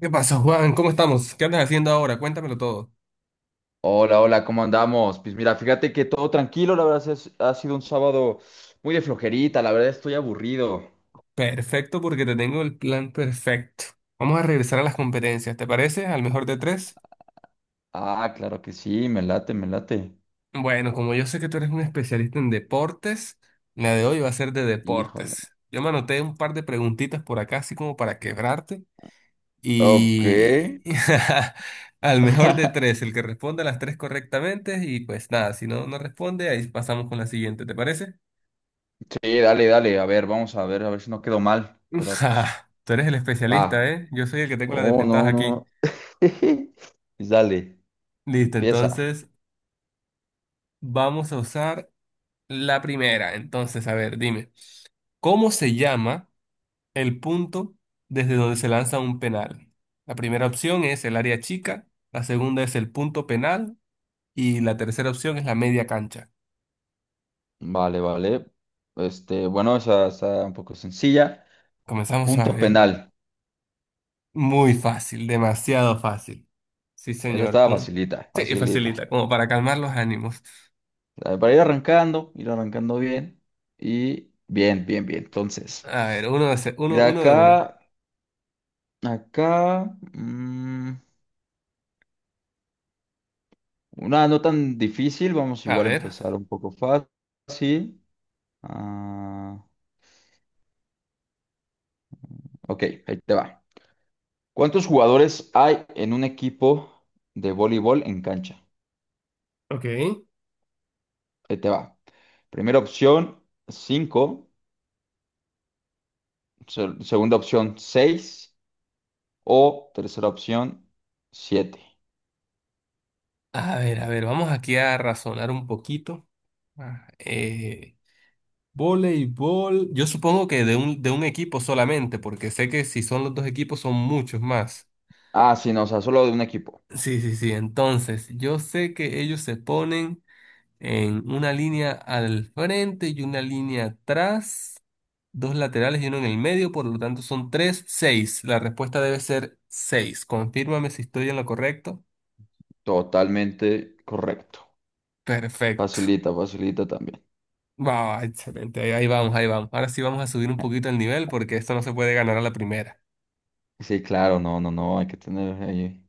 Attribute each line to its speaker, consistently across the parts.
Speaker 1: ¿Qué pasa, Juan? ¿Cómo estamos? ¿Qué andas haciendo ahora? Cuéntamelo todo.
Speaker 2: Hola, hola, ¿cómo andamos? Pues mira, fíjate que todo tranquilo, la verdad ha sido un sábado muy de flojerita, la verdad estoy aburrido.
Speaker 1: Perfecto, porque te tengo el plan perfecto. Vamos a regresar a las competencias, ¿te parece? Al mejor de tres.
Speaker 2: Ah, claro que sí, me late, me late.
Speaker 1: Bueno, como yo sé que tú eres un especialista en deportes, la de hoy va a ser de
Speaker 2: Híjole.
Speaker 1: deportes. Yo me anoté un par de preguntitas por acá, así como para quebrarte.
Speaker 2: Ok.
Speaker 1: Y al mejor de tres, el que responda las tres correctamente. Y pues nada, si no, no responde, ahí pasamos con la siguiente, ¿te parece?
Speaker 2: Sí, dale, dale, a ver, vamos a ver si no quedo mal, pero pues
Speaker 1: Ja, tú eres el especialista,
Speaker 2: va.
Speaker 1: ¿eh? Yo soy el que tengo la
Speaker 2: Oh,
Speaker 1: desventaja
Speaker 2: no,
Speaker 1: aquí.
Speaker 2: no. Pues dale,
Speaker 1: Listo,
Speaker 2: empieza.
Speaker 1: entonces vamos a usar la primera. Entonces, a ver, dime, ¿cómo se llama el punto desde donde se lanza un penal? La primera opción es el área chica, la segunda es el punto penal y la tercera opción es la media cancha.
Speaker 2: Vale, vale. Bueno, esa está un poco sencilla.
Speaker 1: Comenzamos a
Speaker 2: Punto
Speaker 1: ver.
Speaker 2: penal.
Speaker 1: Muy fácil, demasiado fácil. Sí,
Speaker 2: Esa
Speaker 1: señor.
Speaker 2: estaba
Speaker 1: Pum.
Speaker 2: facilita,
Speaker 1: Sí,
Speaker 2: facilita.
Speaker 1: facilita, como para calmar los ánimos.
Speaker 2: Ah, para ir arrancando bien. Y bien, bien, bien. Entonces,
Speaker 1: A ver,
Speaker 2: mira
Speaker 1: uno de uno.
Speaker 2: acá, acá, mm, una no tan difícil. Vamos
Speaker 1: A
Speaker 2: igual a
Speaker 1: ver.
Speaker 2: empezar un poco fácil. Ah, ok, ahí te va. ¿Cuántos jugadores hay en un equipo de voleibol en cancha?
Speaker 1: Ok.
Speaker 2: Ahí te va. Primera opción, 5, segunda opción, seis, o tercera opción, 7.
Speaker 1: A ver, vamos aquí a razonar un poquito. Ah, Eh, voleibol, yo supongo que de un equipo solamente, porque sé que si son los dos equipos son muchos más.
Speaker 2: Ah, sí, no, o sea, solo de un equipo.
Speaker 1: Sí, sí, sí, entonces yo sé que ellos se ponen en una línea al frente y una línea atrás, dos laterales y uno en el medio, por lo tanto son tres, seis. La respuesta debe ser seis. Confírmame si estoy en lo correcto.
Speaker 2: Totalmente correcto.
Speaker 1: Perfecto.
Speaker 2: Facilita, facilita también.
Speaker 1: Wow, excelente. Ahí, ahí vamos, ahí vamos. Ahora sí vamos a subir un poquito el nivel porque esto no se puede ganar a la primera.
Speaker 2: Sí, claro, no, no, no, hay que tener ahí.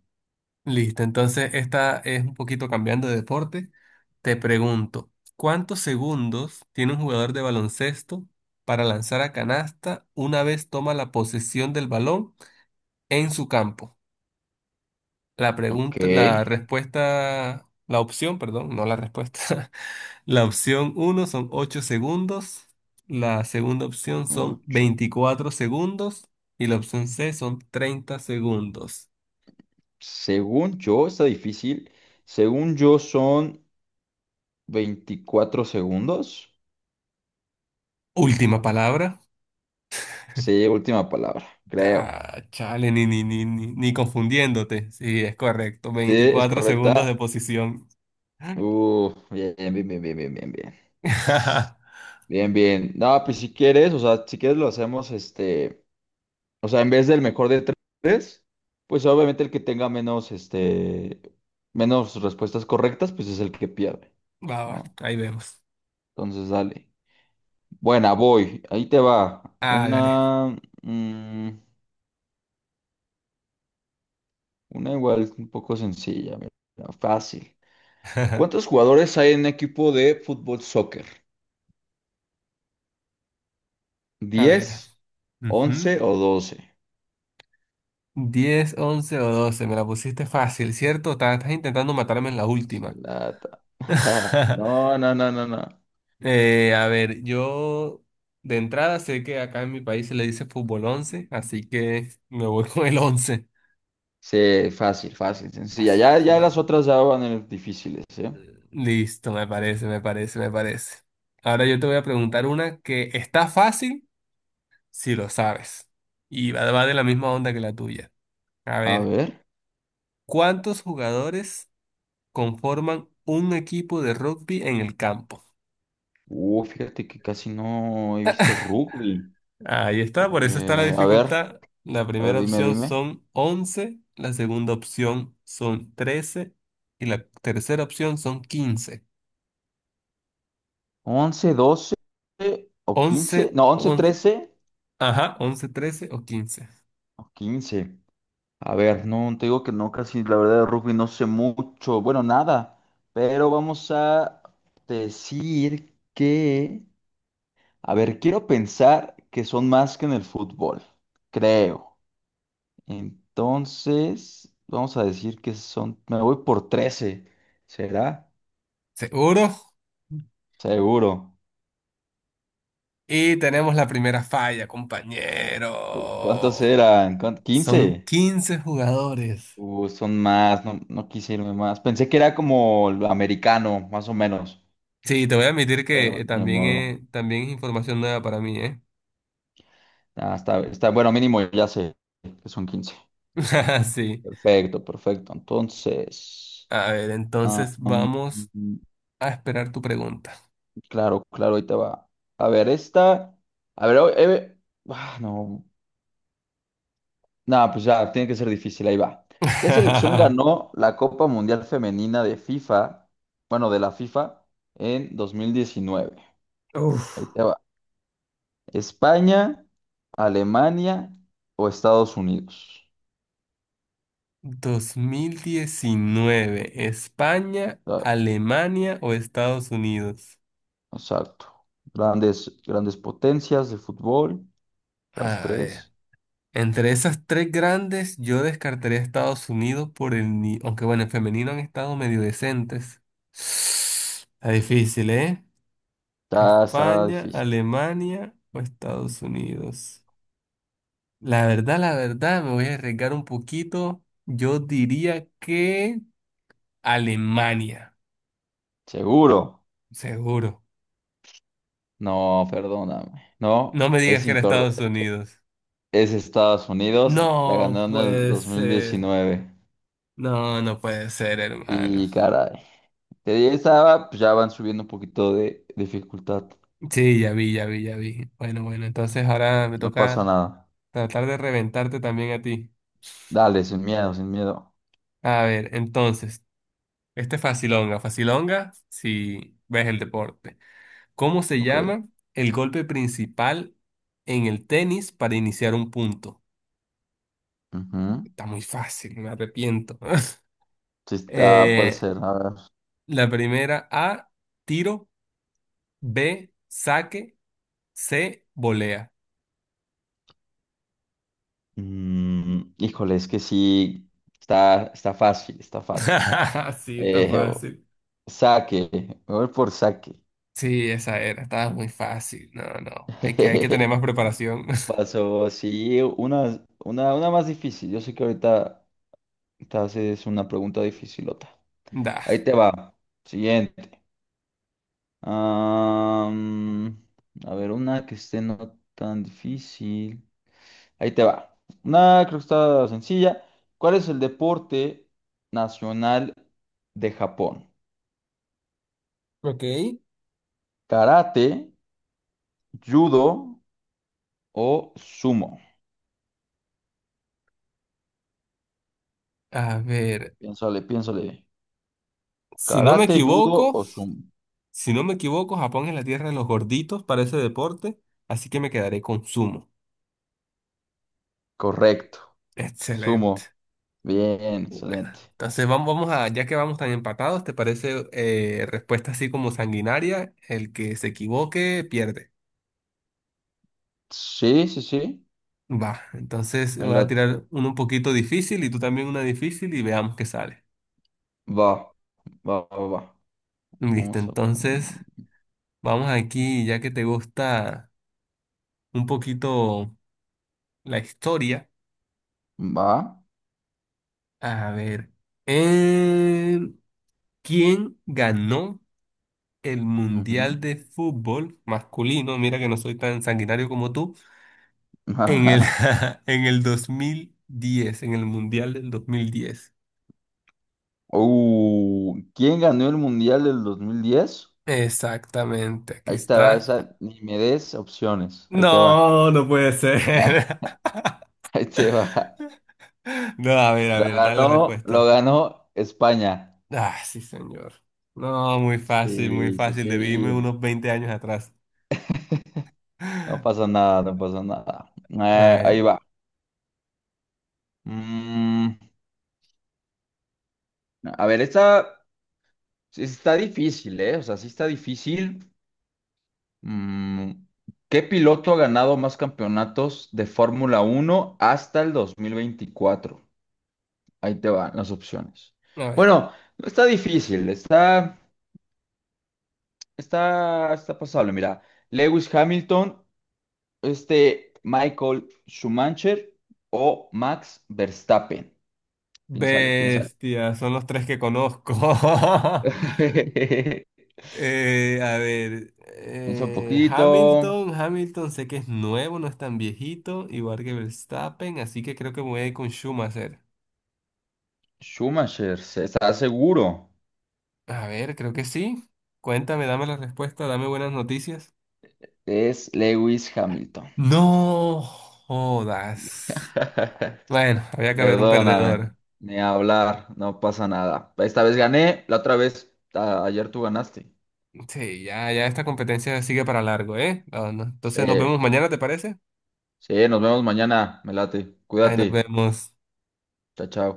Speaker 1: Listo, entonces esta es un poquito cambiando de deporte. Te pregunto, ¿cuántos segundos tiene un jugador de baloncesto para lanzar a canasta una vez toma la posesión del balón en su campo? La
Speaker 2: Ok,
Speaker 1: pregunta, la respuesta, la opción, perdón, no la respuesta. La opción uno son 8 segundos, la segunda opción son
Speaker 2: ocho.
Speaker 1: 24 segundos y la opción C son 30 segundos.
Speaker 2: Según yo, está difícil. Según yo, son 24 segundos.
Speaker 1: Última palabra.
Speaker 2: Sí, última palabra, creo.
Speaker 1: Ah, chale, ni confundiéndote. Sí, es correcto.
Speaker 2: Sí, es
Speaker 1: Veinticuatro segundos de
Speaker 2: correcta.
Speaker 1: posición.
Speaker 2: Bien, bien, bien, bien, bien, bien, bien. Bien, bien. No, pues si quieres, o sea, si quieres lo hacemos. O sea, en vez del mejor de tres, pues obviamente el que tenga menos respuestas correctas, pues es el que pierde,
Speaker 1: Va, va,
Speaker 2: ¿no?
Speaker 1: ahí vemos.
Speaker 2: Entonces, dale. Buena, voy. Ahí te va.
Speaker 1: Hágale.
Speaker 2: Mm, una igual un poco sencilla, mira, fácil. ¿Cuántos jugadores hay en un equipo de fútbol soccer?
Speaker 1: A ver.
Speaker 2: 10,
Speaker 1: Ujú.
Speaker 2: 11 o 12.
Speaker 1: 10, 11 o doce. Me la pusiste fácil, ¿cierto? Estás intentando matarme en la
Speaker 2: Así
Speaker 1: última.
Speaker 2: lata. No, no, no, no, no.
Speaker 1: A ver, yo de entrada sé que acá en mi país se le dice fútbol 11, así que me voy con el 11.
Speaker 2: Sí, fácil, fácil, sencilla.
Speaker 1: Así,
Speaker 2: Ya,
Speaker 1: fácil,
Speaker 2: ya las
Speaker 1: ¿no?
Speaker 2: otras ya van a ser difíciles, ¿eh?
Speaker 1: Listo, me parece, me parece, me parece. Ahora yo te voy a preguntar una que está fácil si lo sabes. Y va de la misma onda que la tuya. A
Speaker 2: A
Speaker 1: ver,
Speaker 2: ver.
Speaker 1: ¿cuántos jugadores conforman un equipo de rugby en el campo?
Speaker 2: Fíjate que casi no he visto rugby.
Speaker 1: Ahí está, por eso está la
Speaker 2: A ver,
Speaker 1: dificultad. La
Speaker 2: a ver,
Speaker 1: primera
Speaker 2: dime,
Speaker 1: opción
Speaker 2: dime.
Speaker 1: son 11, la segunda opción son 13 y la tercera opción son 15.
Speaker 2: 11, 12 o
Speaker 1: Once,
Speaker 2: 15. No, 11,
Speaker 1: once,
Speaker 2: 13
Speaker 1: ajá, 11, 13 o 15.
Speaker 2: o 15. A ver, no, te digo que no, casi la verdad de rugby no sé mucho. Bueno, nada. Pero vamos a decir que. A ver, quiero pensar que son más que en el fútbol. Creo. Entonces, vamos a decir que son, me voy por 13, ¿será?
Speaker 1: ¿Seguro?
Speaker 2: Seguro.
Speaker 1: Y tenemos la primera falla,
Speaker 2: ¿Cuántos
Speaker 1: compañero.
Speaker 2: eran? ¿Cuán-
Speaker 1: Son
Speaker 2: ¿15?
Speaker 1: 15 jugadores.
Speaker 2: Son más, no, no quise irme más. Pensé que era como lo americano, más o menos,
Speaker 1: Sí, te voy a admitir
Speaker 2: pero
Speaker 1: que eh,
Speaker 2: de
Speaker 1: también,
Speaker 2: modo.
Speaker 1: eh, también es información nueva para mí, ¿eh?
Speaker 2: Ah, bueno, mínimo ya sé que son 15.
Speaker 1: Sí.
Speaker 2: Perfecto, perfecto. Entonces,
Speaker 1: A ver,
Speaker 2: ah,
Speaker 1: entonces
Speaker 2: mm,
Speaker 1: vamos a esperar tu pregunta.
Speaker 2: claro, claro, ahí te va. A ver, esta, a ver, no. No, pues ya, tiene que ser difícil, ahí va. ¿Qué selección ganó la Copa Mundial Femenina de FIFA, bueno, de la FIFA, en 2019?
Speaker 1: Uf,
Speaker 2: Ahí te va. ¿España, Alemania o Estados Unidos?
Speaker 1: 2019, España,
Speaker 2: Ah,
Speaker 1: Alemania o Estados Unidos.
Speaker 2: exacto. Grandes, grandes potencias de fútbol, las
Speaker 1: A ver,
Speaker 2: tres.
Speaker 1: entre esas tres grandes, yo descartaría a Estados Unidos por el... ni- Aunque bueno, en femenino han estado medio decentes. Está difícil, ¿eh?
Speaker 2: Ya está
Speaker 1: España,
Speaker 2: difícil.
Speaker 1: Alemania o Estados Unidos. La verdad, me voy a arriesgar un poquito. Yo diría que Alemania,
Speaker 2: Seguro.
Speaker 1: seguro.
Speaker 2: No, perdóname. No,
Speaker 1: No me digas
Speaker 2: es
Speaker 1: que era Estados
Speaker 2: incorrecto.
Speaker 1: Unidos.
Speaker 2: Es Estados Unidos, la
Speaker 1: No
Speaker 2: ganó en el
Speaker 1: puede ser.
Speaker 2: 2019.
Speaker 1: No, no puede ser, hermano.
Speaker 2: Y caray. De 10 a, pues ya van subiendo un poquito de dificultad.
Speaker 1: Sí, ya vi, ya vi, ya vi. Bueno, bueno, entonces ahora me
Speaker 2: No pasa
Speaker 1: toca
Speaker 2: nada.
Speaker 1: tratar de reventarte también a ti.
Speaker 2: Dale, sin miedo, sin miedo.
Speaker 1: A ver, entonces, este es facilonga. Facilonga, si ves el deporte. ¿Cómo se
Speaker 2: Ok.
Speaker 1: llama el golpe principal en el tenis para iniciar un punto?
Speaker 2: Ujú.
Speaker 1: Está muy fácil, me arrepiento.
Speaker 2: Sí está, puede
Speaker 1: Eh,
Speaker 2: ser. A ver.
Speaker 1: la primera A, tiro. B, saque, C, volea.
Speaker 2: Híjole, es que sí. Está fácil, está fácil.
Speaker 1: Sí, está
Speaker 2: Eh, o-
Speaker 1: fácil.
Speaker 2: saque. Me voy por saque.
Speaker 1: Sí, esa era, estaba muy fácil. No, no, hay que tener más preparación.
Speaker 2: Pasó, sí, una más difícil. Yo sé que ahorita te haces una pregunta dificilota.
Speaker 1: Da.
Speaker 2: Ahí te va. Siguiente. Am, a ver, una que esté no tan difícil. Ahí te va. Una creo que está sencilla. ¿Cuál es el deporte nacional de Japón?
Speaker 1: Ok.
Speaker 2: ¿Karate, judo o sumo?
Speaker 1: A ver,
Speaker 2: Piénsale, piénsale.
Speaker 1: si no me
Speaker 2: ¿Karate, judo
Speaker 1: equivoco,
Speaker 2: o sumo?
Speaker 1: si no me equivoco, Japón es la tierra de los gorditos para ese deporte, así que me quedaré con sumo.
Speaker 2: Correcto. Sumo.
Speaker 1: Excelente.
Speaker 2: Bien,
Speaker 1: Bueno,
Speaker 2: excelente.
Speaker 1: entonces vamos, ya que vamos tan empatados, ¿te parece respuesta así como sanguinaria? El que se equivoque pierde.
Speaker 2: Sí, sí, sí.
Speaker 1: Va, entonces
Speaker 2: Me
Speaker 1: voy a
Speaker 2: late.
Speaker 1: tirar uno un poquito difícil y tú también una difícil y veamos qué sale.
Speaker 2: Va, va, va, va.
Speaker 1: Listo,
Speaker 2: Vamos a
Speaker 1: entonces
Speaker 2: poner.
Speaker 1: vamos aquí, ya que te gusta un poquito la historia.
Speaker 2: Va.
Speaker 1: A ver, eh, ¿quién ganó el
Speaker 2: Ujú.
Speaker 1: Mundial de Fútbol masculino? Mira que no soy tan sanguinario como tú. En el, en el 2010, en el Mundial del 2010.
Speaker 2: ¿Quién ganó el Mundial del 2010?
Speaker 1: Exactamente, aquí
Speaker 2: Ahí te va
Speaker 1: está.
Speaker 2: esa, ni me des opciones. Ahí te va.
Speaker 1: No, no puede ser.
Speaker 2: Ahí te va.
Speaker 1: No, a ver, da la
Speaker 2: Lo
Speaker 1: respuesta.
Speaker 2: ganó España.
Speaker 1: Ah, sí, señor. No, muy fácil, muy
Speaker 2: Sí, sí,
Speaker 1: fácil. Debí irme
Speaker 2: sí.
Speaker 1: unos 20 años atrás.
Speaker 2: No
Speaker 1: A
Speaker 2: pasa nada, no pasa nada. Ahí
Speaker 1: ver,
Speaker 2: va. Mm, a ver, esta sí está difícil, ¿eh? O sea, sí está difícil. Mm, ¿qué piloto ha ganado más campeonatos de Fórmula Uno hasta el 2024? Ahí te van las opciones.
Speaker 1: a ver.
Speaker 2: Bueno, no está difícil, está pasable. Mira, Lewis Hamilton, Michael Schumacher o Max Verstappen. Piénsale, piénsale.
Speaker 1: Bestia, son los tres que conozco. A ver,
Speaker 2: Piensa un poquito.
Speaker 1: Hamilton sé que es nuevo, no es tan viejito, igual que Verstappen, así que creo que me voy a ir con Schumacher.
Speaker 2: Schumacher, ¿estás seguro?
Speaker 1: A ver, creo que sí. Cuéntame, dame la respuesta, dame buenas noticias.
Speaker 2: Es Lewis Hamilton.
Speaker 1: No jodas. Bueno, había que haber un
Speaker 2: Perdóname,
Speaker 1: perdedor.
Speaker 2: ni hablar, no pasa nada. Esta vez gané, la otra vez, ayer tú ganaste.
Speaker 1: Sí, ya, ya esta competencia sigue para largo, ¿eh? No, no. Entonces
Speaker 2: Sí.
Speaker 1: nos vemos mañana, ¿te parece?
Speaker 2: Sí, nos vemos mañana, me late.
Speaker 1: Ahí nos
Speaker 2: Cuídate.
Speaker 1: vemos.
Speaker 2: Chao, chao.